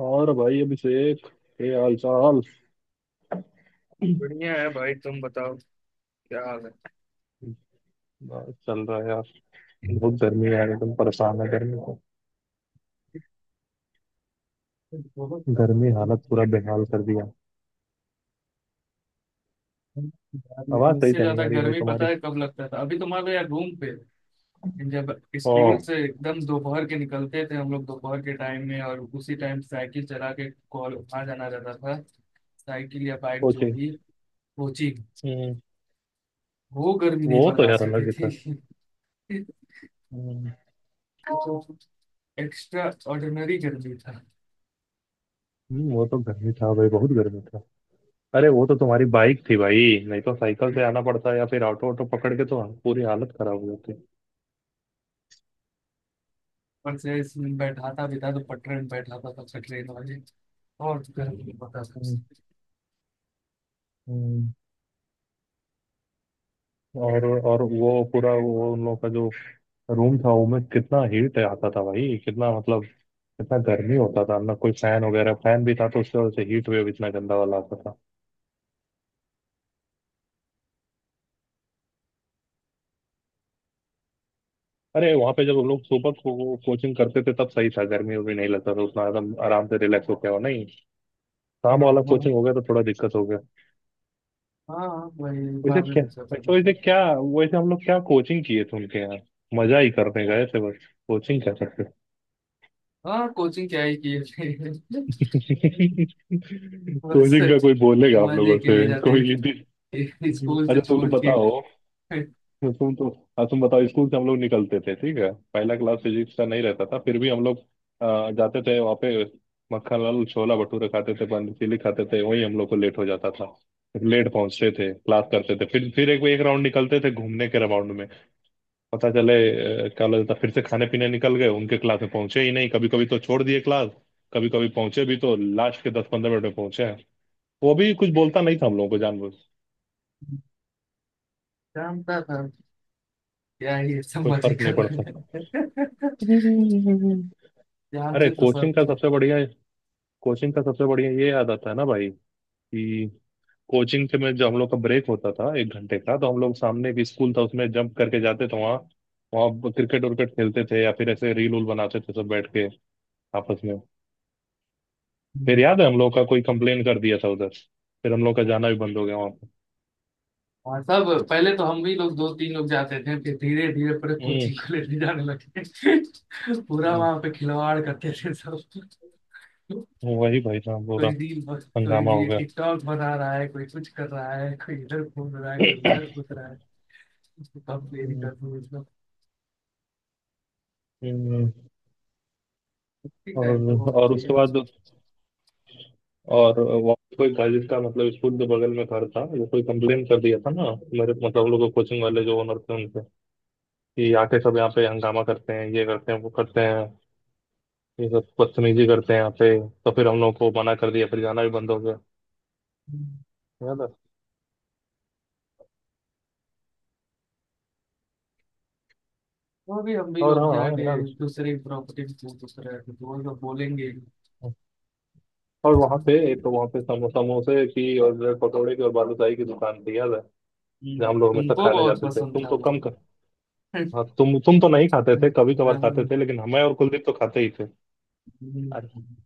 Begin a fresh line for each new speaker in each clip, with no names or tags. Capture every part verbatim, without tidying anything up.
और भाई अभिषेक, ये हाल चाल।
बढ़िया है भाई, तुम बताओ क्या हाल है।
बस चल रहा है यार। बहुत गर्मी है यार, एकदम परेशान है गर्मी को।
बहुत
गर्मी हालत पूरा बेहाल कर दिया।
यार, लेकिन
आवाज सही
इससे
से नहीं
ज्यादा
आ रही भाई
गर्मी पता
तुम्हारी।
है कब लगता था? अभी तो मान लो यार रूम पे, जब
ओ,
स्कूल से एकदम दोपहर के निकलते थे हम लोग, दोपहर के टाइम में, और उसी टाइम साइकिल चला के कॉल आ जाना रहता था। साइकिल या बाइक जो
कोचिंग।
भी, कोचिंग।
हम्म,
वो गर्मी नहीं
वो तो यार
बर्दाश्त
अलग
होती
ही था।
थी।
हम्म।
जो एक्स्ट्रा ऑर्डिनरी गर्मी था।
हम्म, वो तो गर्मी था भाई, बहुत गर्मी था। अरे वो तो तुम्हारी बाइक थी भाई। नहीं तो साइकिल से आना पड़ता या फिर ऑटो ऑटो पकड़ के तो पूरी हालत खराब हो जाती।
पर से इसमें बैठा था, भी था तो पटरे में बैठा था तब से, ट्रेन वाली, और तो कहीं नहीं पता था
हम्म,
उसे।
हम्म। और और वो पूरा वो उन लोग का जो रूम था वो में कितना हीट आता था भाई, कितना मतलब। इतना गर्मी होता था ना, कोई फैन वगैरह, फैन भी था तो उससे वजह से हीट वेव इतना गंदा वाला आता था। अरे वहां पे जब हम लोग सुबह को कोचिंग करते थे तब सही था, गर्मी भी नहीं लगता था उतना, आराम आराम से रिलैक्स हो गया नहीं।
हाँ।
शाम वाला
हाँ।
कोचिंग हो गया तो थोड़ा दिक्कत हो गया।
हाँ, वही
वैसे
बाद में
क्या,
दूसरा पता
तो वैसे
था।
क्या, वैसे हम लोग क्या कोचिंग किए थे उनके यहाँ। मजा ही करने गए थे, बस कोचिंग क्या करते।
हाँ, कोचिंग क्या ही की है। बस
कोचिंग का कोई बोलेगा आप
मजे
लोगों
के
से
लिए जाते
कोई।
हैं। स्कूल
अच्छा
से
तुम लोग
छोड़ के।
बताओ। तो तुम तो, हाँ तुम बताओ। स्कूल से हम लोग निकलते थे, ठीक है, पहला क्लास फिजिक्स का नहीं रहता था फिर भी हम लोग अ, जाते थे वहाँ पे। मक्खन लाल छोला भटूरे खाते थे, पानी पूरी खाते थे, वही हम लोग को लेट हो जाता था। लेट पहुंचते थे, क्लास करते थे, फिर फिर एक एक राउंड निकलते थे घूमने के, राउंड में पता चले अ, क्या लगता फिर से खाने पीने निकल गए, उनके क्लास में पहुंचे ही नहीं कभी कभी, तो छोड़ दिए क्लास। कभी कभी पहुंचे भी तो लास्ट के दस पंद्रह मिनट में पहुंचे हैं। वो भी कुछ बोलता नहीं था हम लोगों को जानबूझ।
जानता था क्या ही सब
कोई
मजे
फर्क
कर
नहीं
रहे
पड़ता।
हैं। ध्यान
अरे
से तो सब
कोचिंग का
थे।
सबसे बढ़िया, कोचिंग का सबसे बढ़िया ये याद आता है ना भाई, कि कोचिंग से में जो हम लोग का ब्रेक होता था एक घंटे का, तो हम लोग सामने एक स्कूल था उसमें जंप करके जाते थे वहाँ। वहाँ क्रिकेट उर्केट खेलते थे या फिर ऐसे रील उल बनाते थे सब बैठ के आपस में। फिर याद है हम लोग का कोई कंप्लेन कर दिया था उधर, फिर हम लोग का जाना भी बंद हो गया वहाँ पे।
हाँ, सब पहले तो हम भी लोग दो तीन लोग जाते थे, फिर धीरे धीरे पूरे
हम्म।
कोचिंग को लेके जाने लगे। पूरा वहां पे खिलवाड़ करते थे सब।
हम्म, वही भाई साहब पूरा
कोई रील बस, कोई
हंगामा हो
भी
गया।
टिकटॉक बना रहा है, कोई कुछ कर रहा है, कोई इधर घूम रहा है, कोई उधर घूम रहा है। कब प्लेन
हम्म,
कर दूँ इसमें।
हम्म।
कुछ टाइम तो
और
बहुत
और
चाहिए।
उसके बाद, और वहाँ पे कोई था जिसका मतलब स्कूल के बगल में घर था, वो कोई कंप्लेन कर दिया था ना मेरे, मतलब उन लोगों कोचिंग वाले जो ओनर थे उनसे, कि आके सब यहाँ पे हंगामा करते हैं, ये करते हैं वो करते हैं, ये सब बदतमीजी करते हैं यहाँ पे। तो फिर हम लोगों को मना कर दिया, फिर जाना भी बंद हो गया।
हम्म।
याद है।
वो भी हम भी
और
लोग
हाँ
जाके
यार,
दूसरे प्रॉपर्टी में पूछ पूछ रहे थे तो वो लोग बोलेंगे।
और वहाँ पे एक, तो वहाँ पे समो, समोसे की और ब्रेड पकौड़े की और बालूशाही की दुकान थी, याद है,
हम्म,
जहाँ हम लोग हमेशा
तुमको
खाने
बहुत
जाते थे,
पसंद
तुम
था
तो
वो।
कम कर। हाँ, तुम तुम तो नहीं खाते थे, कभी कभार खाते
हम्म।
थे, लेकिन हमें और कुलदीप तो खाते ही थे। अरे
हम्म।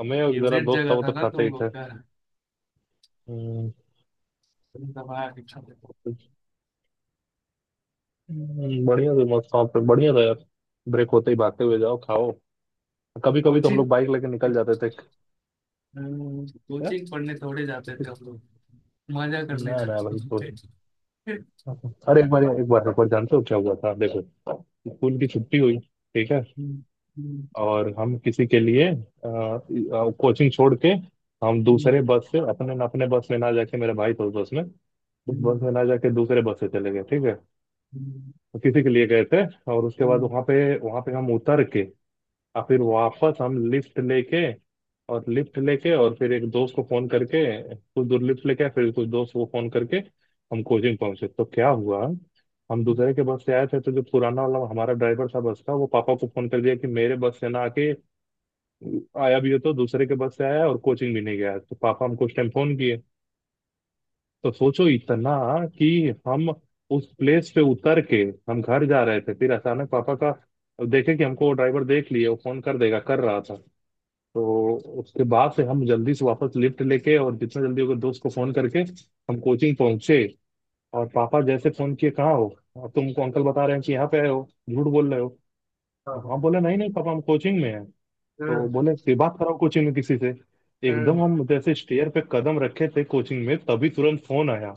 हमें और जरा
फेवरेट
दोस्त था,
जगह
वो
था
तो
ना
खाते
तुम
ही
लोग
थे।
का।
हम्म,
तुम दबा के खाते थे।
हम्म, बढ़िया था, मस्त शॉप पे बढ़िया था यार। ब्रेक होते ही भागते हुए जाओ खाओ, कभी कभी तो हम
कोचिंग।
लोग बाइक लेके निकल जाते थे।
अम,
क्या,
कोचिंग पढ़ने थोड़े जाते थे हम लोग। मजा करने
ना ना भाई तो,
जाते थे।
अरे एक बार एक बार एक बार जानते हो क्या हुआ था, देखो। स्कूल की छुट्टी हुई, ठीक है,
हम्म। हम्म।
और हम किसी के लिए कोचिंग छोड़ के, हम
हम्म।
दूसरे बस से, अपने अपने बस में ना जाके, मेरे भाई था उस बस में, उस बस
हम्म।
में ना जाके दूसरे बस से चले गए, ठीक है।
हम्म।
तो किसी के लिए गए थे, और उसके बाद
हम्म।
वहाँ पे वहाँ पे हम उतर के और फिर वापस हम लिफ्ट लेके, और लिफ्ट लेके और फिर एक दोस्त को फोन करके कुछ दूर लिफ्ट लेके आए, फिर कुछ दोस्त को फोन करके हम कोचिंग पहुंचे। तो क्या हुआ, हम दूसरे के बस से आए थे तो जो पुराना वाला हमारा ड्राइवर था बस का, वो पापा को फोन कर दिया कि मेरे बस से ना आके, आया भी हो तो दूसरे के बस से आया और कोचिंग भी नहीं गया, तो पापा हमको उस टाइम फोन किए। तो सोचो इतना कि हम उस प्लेस पे उतर के हम घर जा रहे थे, फिर अचानक पापा का, देखे कि हमको वो ड्राइवर देख लिए, वो फोन कर देगा, कर रहा था। तो उसके बाद से हम जल्दी से वापस लिफ्ट लेके और जितना जल्दी होगा दोस्त को फोन करके हम कोचिंग पहुंचे। और पापा जैसे फोन किए कहाँ हो, अब तुमको अंकल बता रहे हैं कि यहाँ पे आए हो, झूठ बोल रहे हो।
हाँ,
हाँ
हाँ।
बोले नहीं नहीं पापा हम कोचिंग में हैं। तो
हम्म।
बोले फिर बात कराओ कोचिंग में किसी से। एकदम
हम्म।
हम जैसे स्टेयर पे कदम रखे थे कोचिंग में तभी तुरंत फोन आया।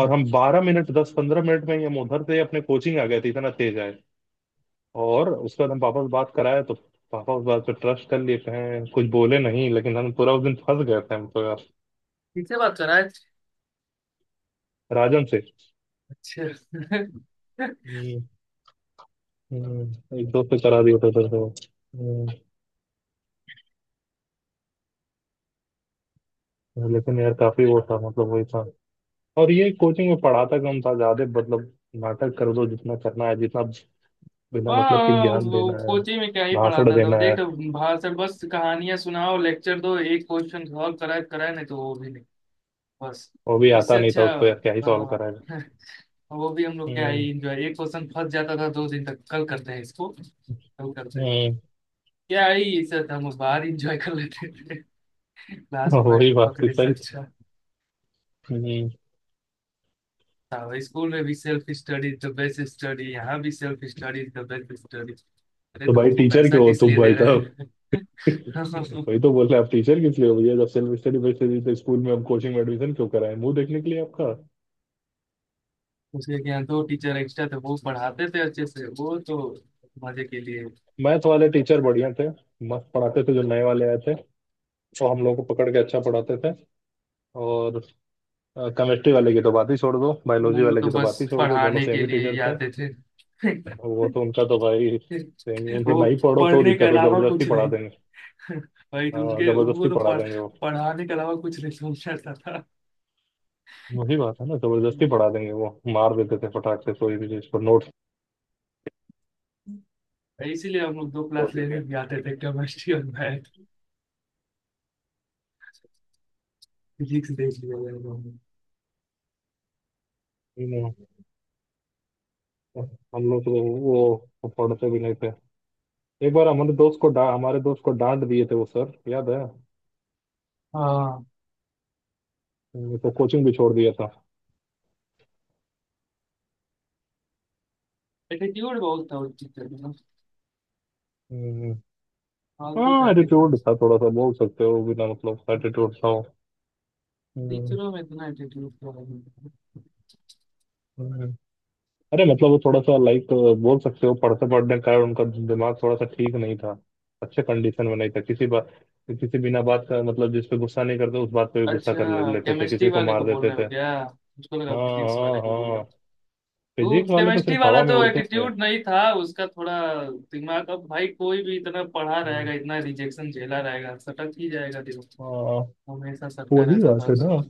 और हम बारह मिनट, दस पंद्रह मिनट में ही हम उधर से अपने कोचिंग आ गए थे, इतना तेज आए। और उसके बाद हम पापा से बात कराए, तो पापा उस बात पे ट्रस्ट कर लिए, कहें कुछ बोले नहीं, लेकिन हम पूरा उस दिन फंस गए थे हम तो यार।
किससे बात कर रहा है?
राजन से।
अच्छा।
हम्म, हम्म, एक दोस्त से करा दिया था सर को। हम्म, लेकिन यार काफी वो था, मतलब वही था। और ये कोचिंग में पढ़ाता कम था, ज्यादा मतलब नाटक कर दो, जितना करना है जितना, बिना मतलब के
हाँ,
ज्ञान
वो
देना है,
कोचिंग में क्या ही
भाषण
पढ़ाता था वो,
देना
देख
है।
तो। भाषण, बस कहानियां सुनाओ, लेक्चर दो। एक क्वेश्चन सॉल्व कराए, कराए नहीं तो वो भी नहीं। बस
वो भी आता
इससे
नहीं था
अच्छा।
उसको यार, क्या ही सॉल्व कराएगा।
हाँ। वो भी हम लोग क्या है,
हम्म।
इंजॉय। एक क्वेश्चन फंस जाता था दो दिन तक, कल करते हैं इसको, कल करते हैं।
हम्म।
क्या है ये सर, हम लोग बाहर इंजॉय कर लेते थे। क्लास में बैठ
वही
के
बात थी,
पकड़े सर, अच्छा
सही।
था। स्कूल में भी self study the best study, यहाँ भी self study the best study. अरे
तो
तो
भाई
तुमको
टीचर
पैसा
क्यों हो
किस
तुम
लिए दे
भाई
रहे
साहब।
हैं?
वही तो बोल रहे हैं, आप टीचर किस लिए हो भैया, जब सेल्फ स्टडी बेस्ड थी तो स्कूल में, हम कोचिंग में एडमिशन क्यों कराए, मुंह देखने के लिए आपका।
उसके यहाँ दो टीचर एक्स्ट्रा थे, वो पढ़ाते थे अच्छे से, वो तो। मजे के लिए।
मैथ वाले टीचर बढ़िया थे, मस्त पढ़ाते थे जो नए वाले आए थे, वो हम लोग को पकड़ के अच्छा पढ़ाते थे। और केमिस्ट्री वाले की तो बात ही छोड़ दो, बायोलॉजी
वो
वाले
तो
की तो
बस
बात ही छोड़ दो, दोनों
पढ़ाने
सेम
के
ही
लिए ही
टीचर थे।
आते थे।
वो तो, उनका तो भाई सेम ही, उनसे
वो
नहीं पढ़ो तो
पढ़ने के
दिक्कत हो,
अलावा
जबरदस्ती
कुछ
पढ़ा
नहीं।
देंगे।
भाई तो
हाँ,
उनके उनको
जबरदस्ती
तो
पढ़ा
पढ़,
देंगे वो।
पढ़ाने के अलावा कुछ नहीं समझता था।
वही बात है ना, जबरदस्ती
हम्म,
पढ़ा देंगे वो, मार देते थे फटाक से कोई भी चीज को।
इसीलिए हम लोग दो क्लास
फोर्टी थ्री।
लेने भी आते थे, केमिस्ट्री और मैथ। फिजिक्स देख लिया जाए हमने।
you know, हम लोग तो वो पढ़ते भी नहीं थे। एक बार हमारे दोस्त को डा, हमारे दोस्त को डांट दिए थे वो सर, याद है।
हाँ,
हम्म, तो कोचिंग भी छोड़ दिया था।
एटीट्यूड बहुत था उस टीचर में ना,
हम्म,
फालतू का
हाँ
एटीट्यूड।
एटीट्यूड था थोड़ा सा, बोल सकते हो बिना मतलब एटीट्यूड था वो। हम्म,
टीचरों में इतना एटीट्यूड तो है नहीं था।
हम्म। अरे मतलब वो थोड़ा सा लाइक बोल सकते हो, पढ़ते पढ़ने के कारण उनका दिमाग थोड़ा सा ठीक नहीं था, अच्छे कंडीशन में नहीं था, किसी बात, किसी बिना बात का मतलब, जिस पे गुस्सा नहीं करते उस बात पे भी गुस्सा कर ले-
अच्छा,
लेते थे,
केमिस्ट्री
किसी को
वाले
मार
को बोल
देते
रहे हो
थे।
क्या? मुझको लगा
हाँ,
फिजिक्स
हाँ
वाले को बोल।
हाँ,
वो
फिजिक्स वाले तो
केमिस्ट्री
सिर्फ
वाला
हवा में
तो,
उड़ते थे।
एटीट्यूड नहीं था उसका थोड़ा, दिमाग। अब भाई कोई भी इतना पढ़ा
हम्म,
रहेगा, इतना रिजेक्शन झेला रहेगा, सटक ही जाएगा दिमाग।
हाँ
हमेशा सटका
वही
रहता था
बात है ना।
उसमें।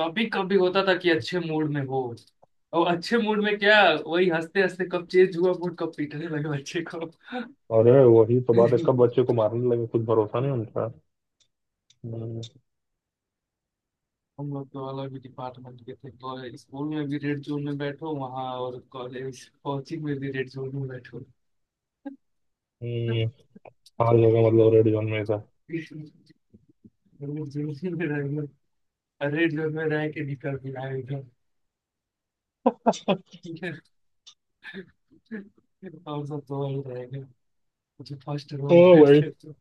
कभी कभी होता था कि अच्छे मूड में हो, और अच्छे मूड में क्या, वही हंसते हंसते कब चेंज हुआ मूड, कब पीटने लगे बच्चे को।
अरे वही तो बात है, कब बच्चे को मारने लगे कुछ भरोसा नहीं उनका। हम्म,
हम लोग तो अलग ही डिपार्टमेंट के थे, और स्कूल में भी रेड जोन में बैठो वहाँ, और कॉलेज कोचिंग में भी रेड जोन में बैठो।
हम्म, हर जगह मतलब रेड जोन में था।
वो जेल में रहेंगे। अरे जेल में रह के निकल भी आएगा, और सब तो वही रहेंगे। मुझे फर्स्ट रो
ओ
में
भाई
बैठते तो।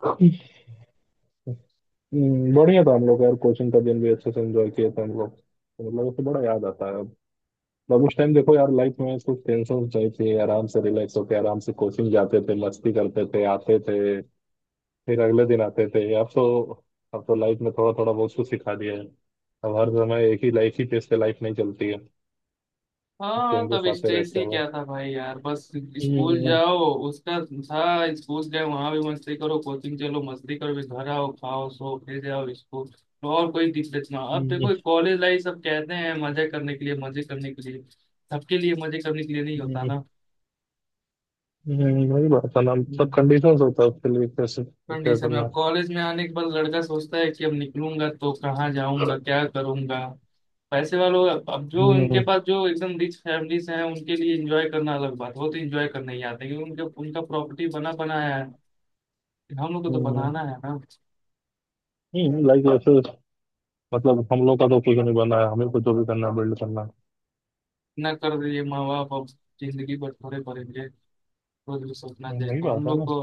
हम्म, बढ़िया था हम लोग यार, कोचिंग का दिन भी अच्छे से एंजॉय किए थे हम लोग तो, मतलब उससे बड़ा याद आता है अब। मतलब उस टाइम देखो यार, लाइफ में कुछ टेंशन नहीं थी, आराम से रिलैक्स होके आराम से कोचिंग जाते थे, मस्ती करते थे, आते थे फिर अगले दिन आते थे, अब तो, अब तो लाइफ में थोड़ा थोड़ा बहुत कुछ सिखा दिया है। अब हर समय एक ही लाइफ ही पेस पे लाइफ नहीं चलती है,
हाँ, तब
चेंजेस आते
स्ट्रेस
रहते
ही
हैं।
क्या था भाई यार। बस स्कूल
हम्म,
जाओ, उसका था। स्कूल जाओ, वहां भी मस्ती करो, कोचिंग चलो मस्ती करो, फिर घर आओ खाओ सो, फिर जाओ स्कूल, और कोई दिक्कत ना। अब
हम्म,
देखो, कॉलेज लाइफ सब कहते हैं मजे करने के लिए, मजे करने के लिए। सबके लिए मजे करने के लिए नहीं होता।
हम्म, हम्म, वही बात है ना, सब
ना
कंडीशंस होता है उसके लिए, कैसे क्या
कंडीशन में,
करना
अब
है।
कॉलेज में आने के बाद लड़का सोचता है कि अब निकलूंगा तो कहाँ जाऊंगा, क्या करूंगा। पैसे वालों, अब अब जो उनके
हम्म,
पास, जो एकदम रिच फैमिलीज हैं उनके लिए एंजॉय करना अलग बात है। वो तो एंजॉय करने ही आते हैं क्योंकि उनके, उनका प्रॉपर्टी बना बनाया है। हम लोग को तो
हम्म,
बनाना है ना।
हम्म, लाइक ऐसे, मतलब हम लोग का तो कुछ नहीं बना है, हमें कुछ जो भी करना है बिल्ड करना है।
इतना कर दिए माँ बाप, अब जिंदगी पर थोड़े पड़ेंगे। खुद सपना
हम्म,
थे
वही
तो हम
बात है
लोग
ना।
को।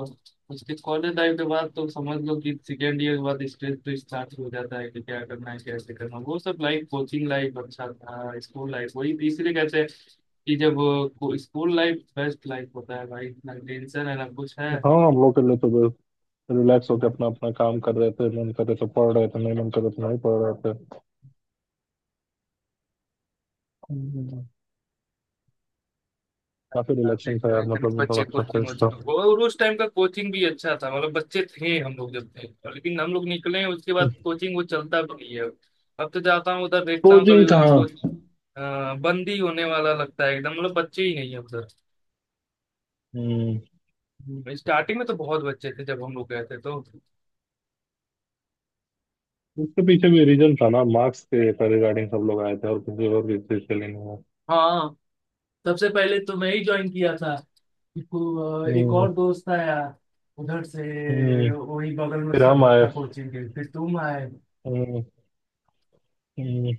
उसके कॉलेज लाइफ के बाद तो समझ लो कि सेकेंड ईयर के बाद स्ट्रेस तो स्टार्ट हो जाता है कि क्या करना है, कैसे करना है। वो सब लाइफ, कोचिंग लाइफ अच्छा था, स्कूल लाइफ, वही तीसरे कहते हैं कि जब, स्कूल लाइफ बेस्ट लाइफ होता है भाई, ना टेंशन है ना कुछ है।
हाँ हम लोग के लिए तो बस रिलैक्स होकर
ना
अपना अपना काम कर रहे थे, मन कर रहे थे पढ़ रहे थे, नहीं मन कर रहे थे नहीं पढ़ रहे थे। काफी
साथ में
रिलैक्सिंग था
जो है,
यार
कभी
मतलब, वो
बच्चे
बहुत अच्छा
कोचिंग
फेस था।
वोचिंग वो- और उस टाइम का कोचिंग भी अच्छा था, मतलब बच्चे थे हम लोग जब थे, और लेकिन हम लोग निकले हैं उसके बाद कोचिंग वो चलता भी नहीं है। अब तो जाता हूँ उधर, देखता हूँ कभी
कोचिंग कहाँ।
उसको। हाँ, बंदी होने वाला लगता है एकदम, मतलब बच्चे ही नहीं है उधर।
हम्म,
स्टार्टिंग में तो बहुत बच्चे थे जब हम लोग गए थे तो।
उसके पीछे भी रीजन था ना, मार्क्स के रिगार्डिंग सब लोग आए थे, और किसी और भी चीज के लिए नहीं आए।
हाँ, सबसे पहले तो मैं ही ज्वाइन किया था इसको, अ, एक
हम्म,
और दोस्त आया उधर से।
हम्म,
वही बगल में
फिर
उसका
हम
घर
आए।
था कोचिंग के, फिर तुम आए।
हम्म, हम्म।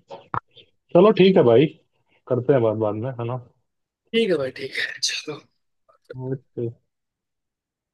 चलो ठीक है भाई, करते हैं बात बाद में है ना।
ठीक है भाई, ठीक है चलो।
ओके।